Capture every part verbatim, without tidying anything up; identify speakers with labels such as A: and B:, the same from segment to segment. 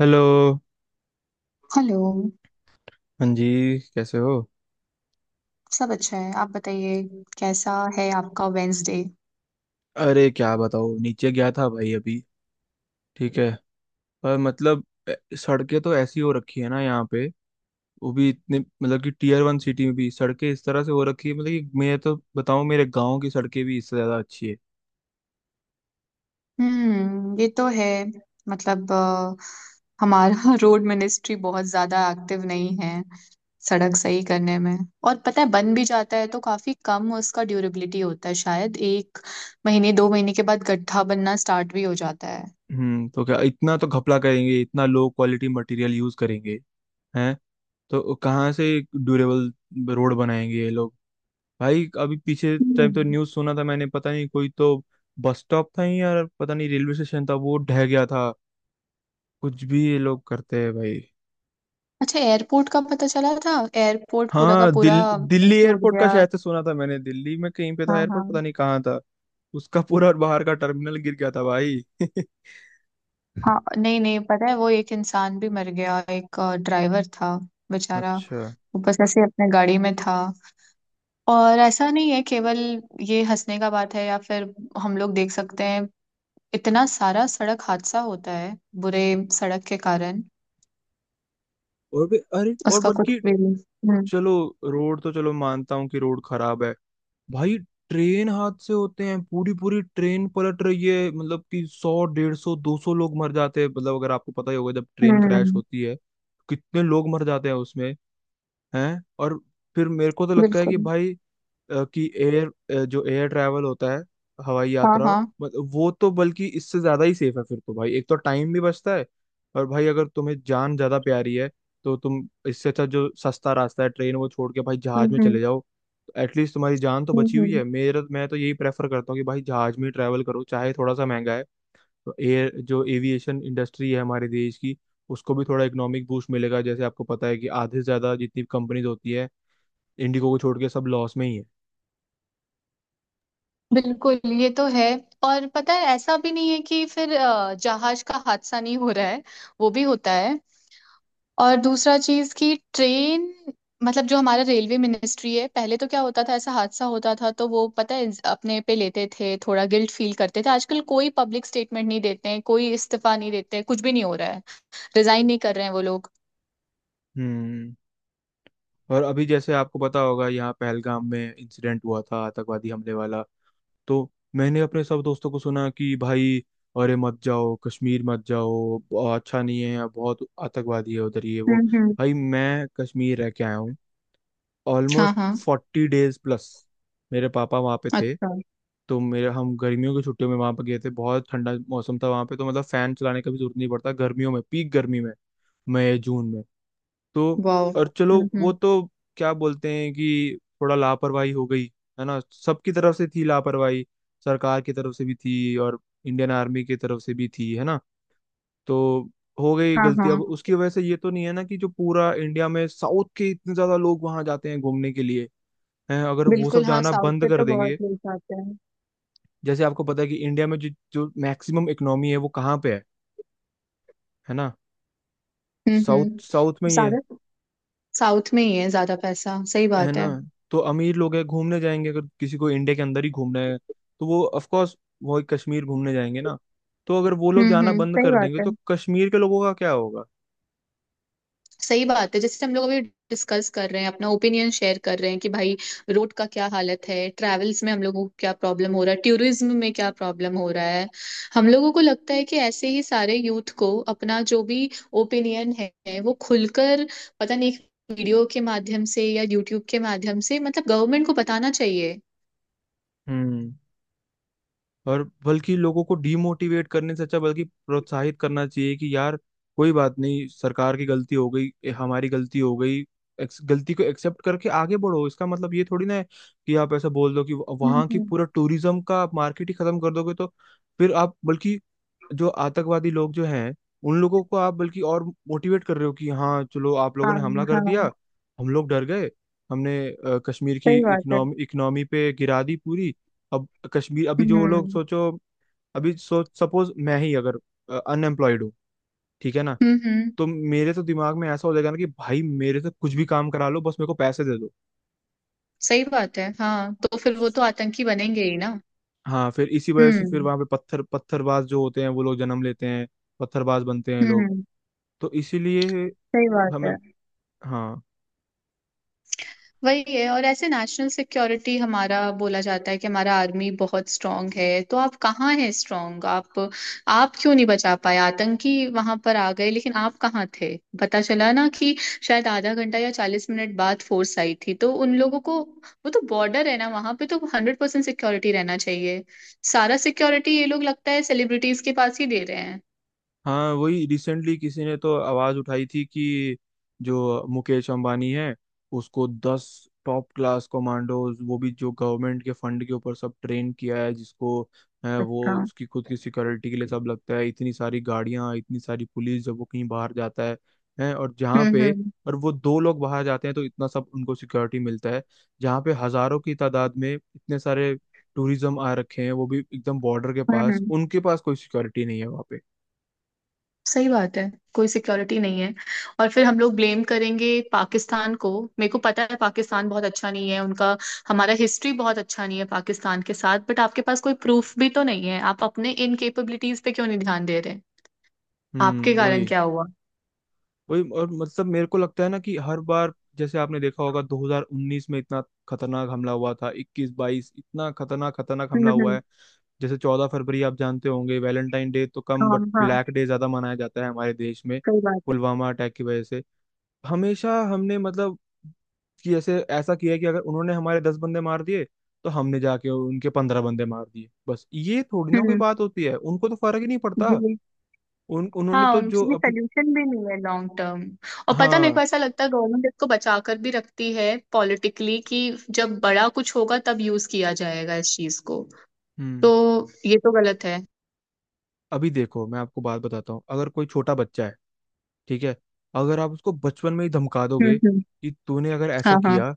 A: Hello.
B: Hello.
A: हाँ जी, कैसे हो?
B: सब अच्छा है, आप बताइए। कैसा है आपका वेंसडे?
A: अरे क्या बताओ, नीचे गया था भाई अभी। ठीक है। पर मतलब ए- सड़कें तो ऐसी हो रखी है ना यहाँ पे। वो भी इतने, मतलब कि टीयर वन सिटी में भी सड़कें इस तरह से हो रखी है। मतलब कि मैं तो बताऊँ, मेरे गांव की सड़कें भी इससे ज्यादा अच्छी है।
B: हम्म, ये तो है। मतलब अ, हमारा रोड मिनिस्ट्री बहुत ज्यादा एक्टिव नहीं है सड़क सही करने में। और पता है बन भी जाता है तो काफी कम उसका ड्यूरेबिलिटी होता है, शायद एक महीने दो महीने के बाद गड्ढा बनना स्टार्ट भी हो जाता है।
A: हम्म। तो क्या, इतना तो घपला करेंगे, इतना लो क्वालिटी मटेरियल यूज करेंगे। हैं? तो कहाँ से ड्यूरेबल रोड बनाएंगे ये लोग। भाई अभी पीछे टाइम तो
B: हम्म।
A: न्यूज़ सुना था मैंने, पता नहीं कोई तो बस स्टॉप था ही यार, पता नहीं रेलवे स्टेशन था, वो ढह गया था। कुछ भी ये लोग करते हैं भाई।
B: अच्छा, एयरपोर्ट का पता चला था? एयरपोर्ट पूरा का
A: हाँ,
B: पूरा
A: दिल, दिल्ली
B: टूट
A: एयरपोर्ट का
B: गया।
A: शायद से सुना था मैंने, दिल्ली में कहीं पे
B: हाँ
A: था
B: हाँ।
A: एयरपोर्ट, पता नहीं कहाँ था। उसका पूरा और बाहर का टर्मिनल गिर गया था भाई।
B: हाँ, नहीं नहीं, पता है वो एक इंसान भी मर गया, एक ड्राइवर था बेचारा,
A: अच्छा।
B: वो बस ऐसे ही अपने गाड़ी में था। और ऐसा नहीं है, केवल ये हंसने का बात है या फिर हम लोग देख सकते हैं इतना सारा सड़क हादसा होता है बुरे सड़क के कारण।
A: और भी, अरे और
B: उसका कुछ
A: बल्कि
B: भी नहीं। हम्म
A: चलो, रोड तो चलो मानता हूँ कि रोड खराब है भाई। ट्रेन हादसे होते हैं, पूरी पूरी ट्रेन पलट रही है, मतलब कि सौ, डेढ़ सौ, दो सौ लोग मर जाते हैं। मतलब अगर आपको पता ही होगा, जब ट्रेन क्रैश
B: हम्म।
A: होती है कितने लोग मर जाते हैं उसमें। हैं? और फिर मेरे को तो लगता है कि
B: बिल्कुल।
A: भाई अ, कि एयर जो एयर ट्रैवल होता है, हवाई
B: हाँ
A: यात्रा।
B: हाँ।
A: मतलब वो तो बल्कि इससे ज्यादा ही सेफ है फिर तो भाई, एक तो टाइम भी बचता है, और भाई अगर तुम्हें जान ज्यादा प्यारी है तो तुम, इससे अच्छा जो सस्ता रास्ता है ट्रेन, वो छोड़ के भाई
B: हम्म
A: जहाज में
B: हम्म।
A: चले जाओ। एटलीस्ट तुम्हारी जान तो
B: हम्म
A: बची हुई
B: हम्म।
A: है। मेरा मैं तो यही प्रेफर करता हूँ कि भाई जहाज में ट्रैवल करो, चाहे थोड़ा सा महंगा है। तो एयर जो एविएशन इंडस्ट्री है हमारे देश की, उसको भी थोड़ा इकोनॉमिक बूस्ट मिलेगा। जैसे आपको पता है कि आधे से ज्यादा जितनी कंपनीज होती है, इंडिगो को छोड़ के सब लॉस में ही है।
B: बिल्कुल, ये तो है। और पता है ऐसा भी नहीं है कि फिर अ, जहाज का हादसा नहीं हो रहा है, वो भी होता है। और दूसरा चीज कि ट्रेन, मतलब जो हमारा रेलवे मिनिस्ट्री है, पहले तो क्या होता था ऐसा हादसा होता था तो वो पता है अपने पे लेते थे, थोड़ा गिल्ट फील करते थे। आजकल कोई पब्लिक स्टेटमेंट नहीं देते हैं, कोई इस्तीफा नहीं देते हैं, कुछ भी नहीं हो रहा है, रिजाइन नहीं कर रहे हैं वो लोग।
A: हम्म। और अभी जैसे आपको पता होगा, यहाँ पहलगाम में इंसिडेंट हुआ था, आतंकवादी हमले वाला। तो मैंने अपने सब दोस्तों को सुना कि भाई, अरे मत जाओ कश्मीर, मत जाओ, ब- अच्छा नहीं है, बहुत आतंकवादी है उधर, ये वो।
B: हम्म हम्म।
A: भाई मैं कश्मीर रह के आया हूँ,
B: हाँ
A: ऑलमोस्ट
B: हाँ।
A: Forty days plus. मेरे पापा वहाँ पे थे,
B: अच्छा।
A: तो मेरे हम गर्मियों की छुट्टियों में वहाँ पे गए थे। बहुत ठंडा मौसम था वहाँ पे, तो मतलब फैन चलाने का भी जरूरत नहीं पड़ता गर्मियों में, पीक गर्मी में, मई जून में। तो,
B: वाह।
A: और चलो
B: हम्म
A: वो
B: हम्म।
A: तो क्या बोलते हैं कि थोड़ा लापरवाही हो गई, है ना। सबकी तरफ से थी लापरवाही, सरकार की तरफ से भी थी, और इंडियन आर्मी की तरफ से भी थी, है ना। तो हो गई
B: हाँ
A: गलती, अब
B: हाँ।
A: उसकी वजह से ये तो नहीं है ना कि जो पूरा इंडिया में साउथ के इतने ज्यादा लोग वहां जाते हैं घूमने के लिए, हैं, अगर वो सब
B: बिल्कुल हाँ,
A: जाना
B: साउथ
A: बंद
B: के
A: कर
B: तो बहुत
A: देंगे।
B: लोग जाते हैं।
A: जैसे आपको पता है कि इंडिया में जो जो मैक्सिमम इकोनॉमी है वो कहाँ पे है है ना।
B: हम्म
A: साउथ,
B: हम्म।
A: साउथ में ही है
B: ज्यादा, साउथ में ही है ज्यादा पैसा, सही
A: है
B: बात
A: ना।
B: है।
A: तो अमीर लोग है घूमने जाएंगे, अगर किसी को इंडिया के अंदर ही घूमना है तो वो ऑफ कोर्स वो कश्मीर घूमने जाएंगे ना। तो अगर वो लोग
B: हम्म
A: जाना
B: हम्म,
A: बंद
B: सही
A: कर
B: बात
A: देंगे
B: है।
A: तो कश्मीर के लोगों का क्या होगा।
B: सही बात है, जैसे हम लोग अभी डिस्कस कर रहे हैं, अपना ओपिनियन शेयर कर रहे हैं कि भाई रोड का क्या हालत है, ट्रैवल्स में हम लोगों को क्या प्रॉब्लम हो रहा है, टूरिज्म में क्या प्रॉब्लम हो रहा है। हम लोगों को लगता है कि ऐसे ही सारे यूथ को अपना जो भी ओपिनियन है वो खुलकर, पता नहीं, एक वीडियो के माध्यम से या यूट्यूब के माध्यम से, मतलब गवर्नमेंट को बताना चाहिए।
A: हम्म। और बल्कि लोगों को डीमोटिवेट करने से अच्छा बल्कि प्रोत्साहित करना चाहिए कि यार, कोई बात नहीं, सरकार की गलती हो गई, ए, हमारी गलती हो गई। एक्स- गलती को एक्सेप्ट करके आगे बढ़ो, इसका मतलब ये थोड़ी ना है कि आप ऐसा बोल दो कि
B: हम्म
A: वहां की
B: हम्म।
A: पूरा टूरिज्म का मार्केट ही खत्म कर दोगे, तो फिर आप बल्कि जो आतंकवादी लोग जो हैं, उन लोगों को आप बल्कि और मोटिवेट कर रहे हो कि हाँ चलो, आप लोगों
B: हाँ
A: ने हमला कर
B: हाँ,
A: दिया, हम लोग डर गए, हमने अ, कश्मीर की
B: सही बात है।
A: इकोनॉमी इकोनॉमी पे गिरा दी पूरी। अब कश्मीर अभी जो लोग
B: हम्म
A: सोचो, अभी सोच, सपोज मैं ही अगर अनएम्प्लॉयड हूँ, ठीक है ना,
B: हम्म। हम्म,
A: तो मेरे तो दिमाग में ऐसा हो जाएगा ना कि भाई मेरे से कुछ भी काम करा लो, बस मेरे को पैसे दे दो।
B: सही बात है। हाँ, तो फिर वो तो आतंकी बनेंगे ही ना।
A: हाँ, फिर इसी वजह से फिर
B: हम्म
A: वहां पे पत्थर पत्थरबाज जो होते हैं वो लोग जन्म लेते हैं, पत्थरबाज बनते हैं लोग।
B: हम्म।
A: तो इसीलिए
B: सही बात
A: हमें,
B: है।
A: हाँ।
B: वही है, और ऐसे नेशनल सिक्योरिटी हमारा, बोला जाता है कि हमारा आर्मी बहुत स्ट्रांग है, तो आप कहाँ हैं स्ट्रांग? आप आप क्यों नहीं बचा पाए? आतंकी वहां पर आ गए लेकिन आप कहाँ थे? पता चला ना कि शायद आधा घंटा या चालीस मिनट बाद फोर्स आई थी, तो उन लोगों को, वो तो बॉर्डर है ना वहां पे, तो हंड्रेड परसेंट सिक्योरिटी रहना चाहिए। सारा सिक्योरिटी ये लोग लगता है सेलिब्रिटीज के पास ही दे रहे हैं।
A: हाँ, वही, रिसेंटली किसी ने तो आवाज उठाई थी कि जो मुकेश अंबानी है, उसको दस टॉप क्लास कमांडोज, वो भी जो गवर्नमेंट के फंड के ऊपर सब ट्रेन किया है जिसको, है वो
B: अच्छा।
A: उसकी खुद की सिक्योरिटी के लिए सब लगता है। इतनी सारी गाड़ियां, इतनी सारी पुलिस जब वो कहीं बाहर जाता है, है और जहाँ
B: हम्म
A: पे,
B: हम्म।
A: और वो दो लोग बाहर जाते हैं तो इतना सब उनको सिक्योरिटी मिलता है। जहाँ पे हजारों की तादाद में इतने सारे टूरिज्म आ रखे हैं, वो भी एकदम बॉर्डर के
B: हम्म
A: पास,
B: हम्म।
A: उनके पास कोई सिक्योरिटी नहीं है वहाँ पे।
B: सही बात है, कोई सिक्योरिटी नहीं है। और फिर हम लोग ब्लेम करेंगे पाकिस्तान को। मेरे को पता है पाकिस्तान बहुत अच्छा नहीं है उनका, हमारा हिस्ट्री बहुत अच्छा नहीं है पाकिस्तान के साथ, बट आपके पास कोई प्रूफ भी तो नहीं है, आप अपने इनकेपेबिलिटीज पे क्यों नहीं ध्यान दे रहे? आपके
A: हम्म, वही,
B: कारण क्या हुआ?
A: वही। और मतलब मेरे को लगता है ना कि हर बार जैसे आपने देखा होगा, दो हज़ार उन्नीस में इतना खतरनाक हमला हुआ था, इक्कीस बाईस इतना खतरनाक खतरनाक
B: हम्म
A: हमला हुआ
B: हम्म।
A: है। जैसे 14 फरवरी आप जानते होंगे, वैलेंटाइन डे तो कम
B: हाँ
A: बट
B: हाँ,
A: ब्लैक डे ज्यादा मनाया जाता है हमारे देश में,
B: सही बात है।
A: पुलवामा अटैक की वजह से। हमेशा हमने मतलब कि ऐसे ऐसा किया कि अगर उन्होंने हमारे दस बंदे मार दिए तो हमने जाके उनके पंद्रह बंदे मार दिए, बस ये थोड़ी ना कोई
B: हम्म।
A: बात होती है, उनको तो फर्क ही नहीं पड़ता।
B: जी।
A: उन उन्होंने
B: हाँ,
A: तो जो
B: उनकी
A: अपन,
B: सोल्यूशन भी नहीं है लॉन्ग टर्म। और पता है, मेरे को
A: हाँ।
B: ऐसा लगता है गवर्नमेंट इसको बचा कर भी रखती है पॉलिटिकली कि जब बड़ा कुछ होगा तब यूज किया जाएगा इस चीज को।
A: हम्म।
B: तो ये तो गलत है।
A: अभी देखो मैं आपको बात बताता हूँ, अगर कोई छोटा बच्चा है, ठीक है, अगर आप उसको बचपन में ही धमका
B: हम्म
A: दोगे
B: हम्म।
A: कि तूने अगर
B: हाँ
A: ऐसा
B: हाँ।
A: किया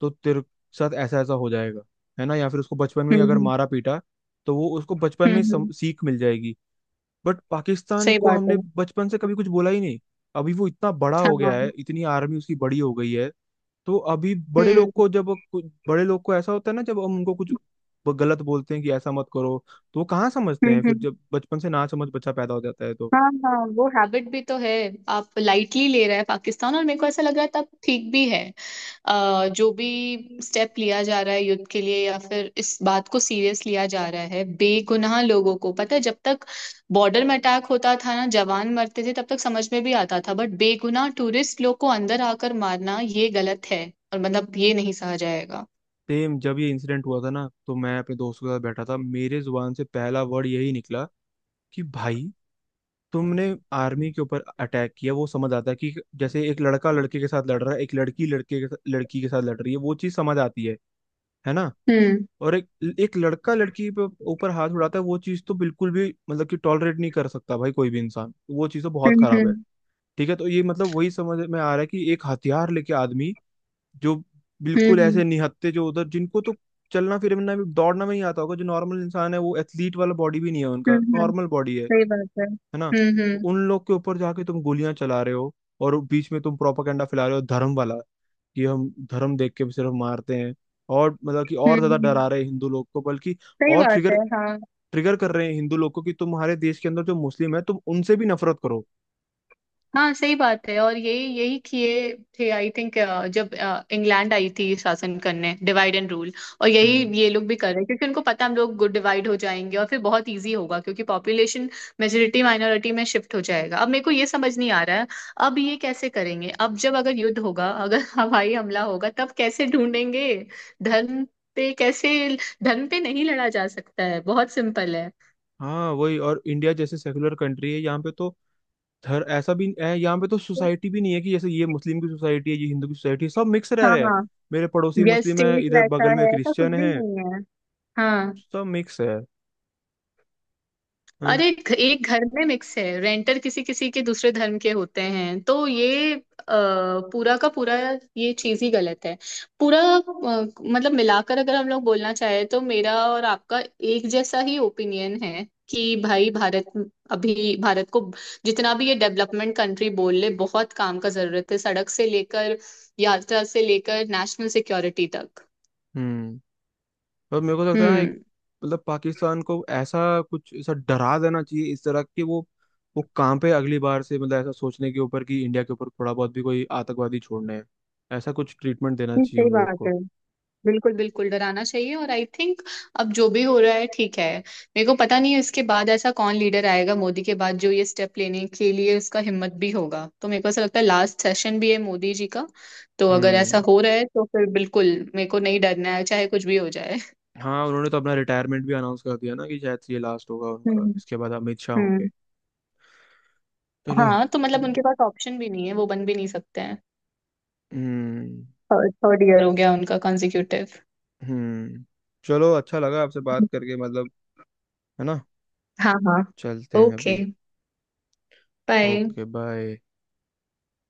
A: तो तेरे साथ ऐसा ऐसा हो जाएगा, है ना, या फिर उसको बचपन में ही
B: हम्म
A: अगर
B: हम्म।
A: मारा पीटा, तो वो उसको बचपन
B: हम्म
A: में ही सम,
B: हम्म,
A: सीख मिल जाएगी। बट पाकिस्तान
B: सही
A: को
B: बात
A: हमने
B: है।
A: बचपन से कभी कुछ बोला ही नहीं। अभी वो इतना बड़ा
B: हाँ
A: हो गया
B: हाँ।
A: है, इतनी आर्मी उसकी बड़ी हो गई है। तो अभी बड़े लोग
B: हम्म
A: को जब कुछ बड़े लोग को ऐसा होता है ना, जब हम उनको कुछ ब- गलत बोलते हैं कि ऐसा मत करो, तो वो कहाँ समझते
B: हम्म।
A: हैं, फिर
B: हम्म।
A: जब बचपन से ना समझ बच्चा पैदा हो जाता है तो।
B: हाँ हाँ, वो हैबिट भी तो है। आप लाइटली ले रहे हैं पाकिस्तान, और मेरे को ऐसा लग रहा है तब ठीक भी है। अ, जो भी स्टेप लिया जा रहा है युद्ध के लिए या फिर इस बात को सीरियस लिया जा रहा है, बेगुनाह लोगों को पता है जब तक बॉर्डर में अटैक होता था ना जवान मरते थे तब तक समझ में भी आता था, बट बेगुनाह टूरिस्ट लोग को अंदर आकर मारना ये गलत है और मतलब ये नहीं सहा जाएगा।
A: सेम, जब ये इंसिडेंट हुआ था ना, तो मैं अपने दोस्तों के साथ बैठा था, मेरे जुबान से पहला वर्ड यही निकला कि भाई, तुमने आर्मी के ऊपर अटैक किया वो समझ आता है कि जैसे एक लड़का लड़के के साथ लड़ रहा है, एक लड़की लड़के के साथ- लड़की के साथ लड़ रही है, वो चीज समझ आती है है ना।
B: हुँ,
A: और एक एक लड़का लड़की पे ऊपर हाथ उड़ाता है, वो चीज तो बिल्कुल भी मतलब कि टॉलरेट नहीं कर सकता भाई कोई भी इंसान, वो चीज तो
B: हुँ,
A: बहुत खराब है।
B: हुँ,
A: ठीक है, तो ये मतलब वही समझ में आ रहा है कि एक हथियार लेके आदमी, जो
B: हुँ,
A: बिल्कुल
B: हुँ,
A: ऐसे निहत्ते जो उधर, जिनको तो चलना फिरना भी, दौड़ना भी नहीं आता होगा, जो नॉर्मल इंसान है, वो एथलीट वाला बॉडी भी नहीं है
B: हुँ,
A: उनका,
B: हुँ,
A: नॉर्मल बॉडी है
B: सही बात है।
A: है ना,
B: हुँ,
A: तो
B: हुँ,
A: उन लोग के ऊपर जाके तुम गोलियां चला रहे हो, और बीच में तुम प्रोपागेंडा फैला रहे हो धर्म वाला, कि हम धर्म देख के भी सिर्फ मारते हैं, और मतलब कि और
B: हुँ,
A: ज्यादा डरा
B: हुँ,
A: रहे हैं हिंदू लोग को बल्कि,
B: सही
A: और
B: बात
A: ट्रिगर
B: है, हाँ।
A: ट्रिगर कर रहे हैं हिंदू लोग को कि तुम्हारे देश के अंदर जो मुस्लिम है तुम उनसे भी नफरत करो।
B: हाँ, सही बात है। और यही यही किए थे आई थिंक, जब अ, इंग्लैंड आई थी शासन करने, डिवाइड एंड रूल। और यही
A: हम्म।
B: ये लोग भी कर रहे हैं क्योंकि उनको पता है हम लोग डिवाइड हो जाएंगे और फिर बहुत इजी होगा, क्योंकि पॉपुलेशन मेजोरिटी माइनॉरिटी में शिफ्ट हो जाएगा। अब मेरे को ये समझ नहीं आ रहा है अब ये कैसे करेंगे, अब जब अगर युद्ध होगा, अगर हवाई हमला होगा तब कैसे ढूंढेंगे धर्म पे? कैसे धर्म पे नहीं लड़ा जा सकता है, बहुत सिंपल है।
A: हाँ वही। और इंडिया जैसे सेकुलर कंट्री है, यहाँ पे तो धर ऐसा भी है यहाँ पे, तो सोसाइटी भी नहीं है कि जैसे ये मुस्लिम की सोसाइटी है, ये हिंदू की सोसाइटी है, सब मिक्स रह रहे हैं।
B: हाँ,
A: मेरे पड़ोसी
B: यस,
A: मुस्लिम है,
B: टेक
A: इधर
B: वैसा
A: बगल में
B: है, ऐसा कुछ
A: क्रिश्चियन
B: भी
A: है,
B: नहीं है। हाँ।
A: सब मिक्स है। हाँ,
B: अरे, एक एक घर में मिक्स है, रेंटर किसी किसी के दूसरे धर्म के होते हैं, तो ये अ, पूरा का पूरा, ये चीज ही गलत है पूरा। अ, मतलब मिलाकर अगर हम लोग बोलना चाहें तो मेरा और आपका एक जैसा ही ओपिनियन है कि भाई भारत, अभी भारत को जितना भी ये डेवलपमेंट कंट्री बोल ले, बहुत काम का जरूरत है, सड़क से लेकर यात्रा से लेकर नेशनल सिक्योरिटी तक।
A: हम्म। पर मेरे को तो लगता है ना, एक,
B: हम्म।
A: मतलब पाकिस्तान को ऐसा कुछ ऐसा डरा देना चाहिए इस तरह कि वो वो काम पे अगली बार से, मतलब ऐसा सोचने के ऊपर कि इंडिया के ऊपर थोड़ा बहुत भी कोई आतंकवादी छोड़ने हैं, ऐसा कुछ ट्रीटमेंट देना
B: जी,
A: चाहिए
B: सही
A: उन लोग
B: बात है।
A: को।
B: बिल्कुल बिल्कुल डराना चाहिए, और आई थिंक अब जो भी हो रहा है ठीक है। मेरे को पता नहीं है इसके बाद ऐसा कौन लीडर आएगा मोदी के बाद जो ये स्टेप लेने के लिए उसका हिम्मत भी होगा, तो मेरे को ऐसा लगता है लास्ट सेशन भी है मोदी जी का। तो अगर ऐसा
A: हम्म।
B: हो रहा है तो फिर बिल्कुल मेरे को नहीं डरना है, चाहे कुछ भी हो जाए।
A: हाँ, उन्होंने तो अपना रिटायरमेंट भी अनाउंस कर दिया ना कि शायद से ये लास्ट होगा उनका,
B: हम्म
A: इसके बाद अमित शाह होंगे।
B: हम्म।
A: चलो।
B: हाँ, तो मतलब उनके पास ऑप्शन भी नहीं है, वो बन भी नहीं सकते हैं,
A: हम्म,
B: थर्ड ईयर हो गया उनका कंजिक्यूटिव।
A: हम्म। चलो, अच्छा लगा आपसे बात करके, मतलब, है ना।
B: हाँ हाँ।
A: चलते हैं
B: ओके,
A: अभी।
B: बाय।
A: Okay, bye.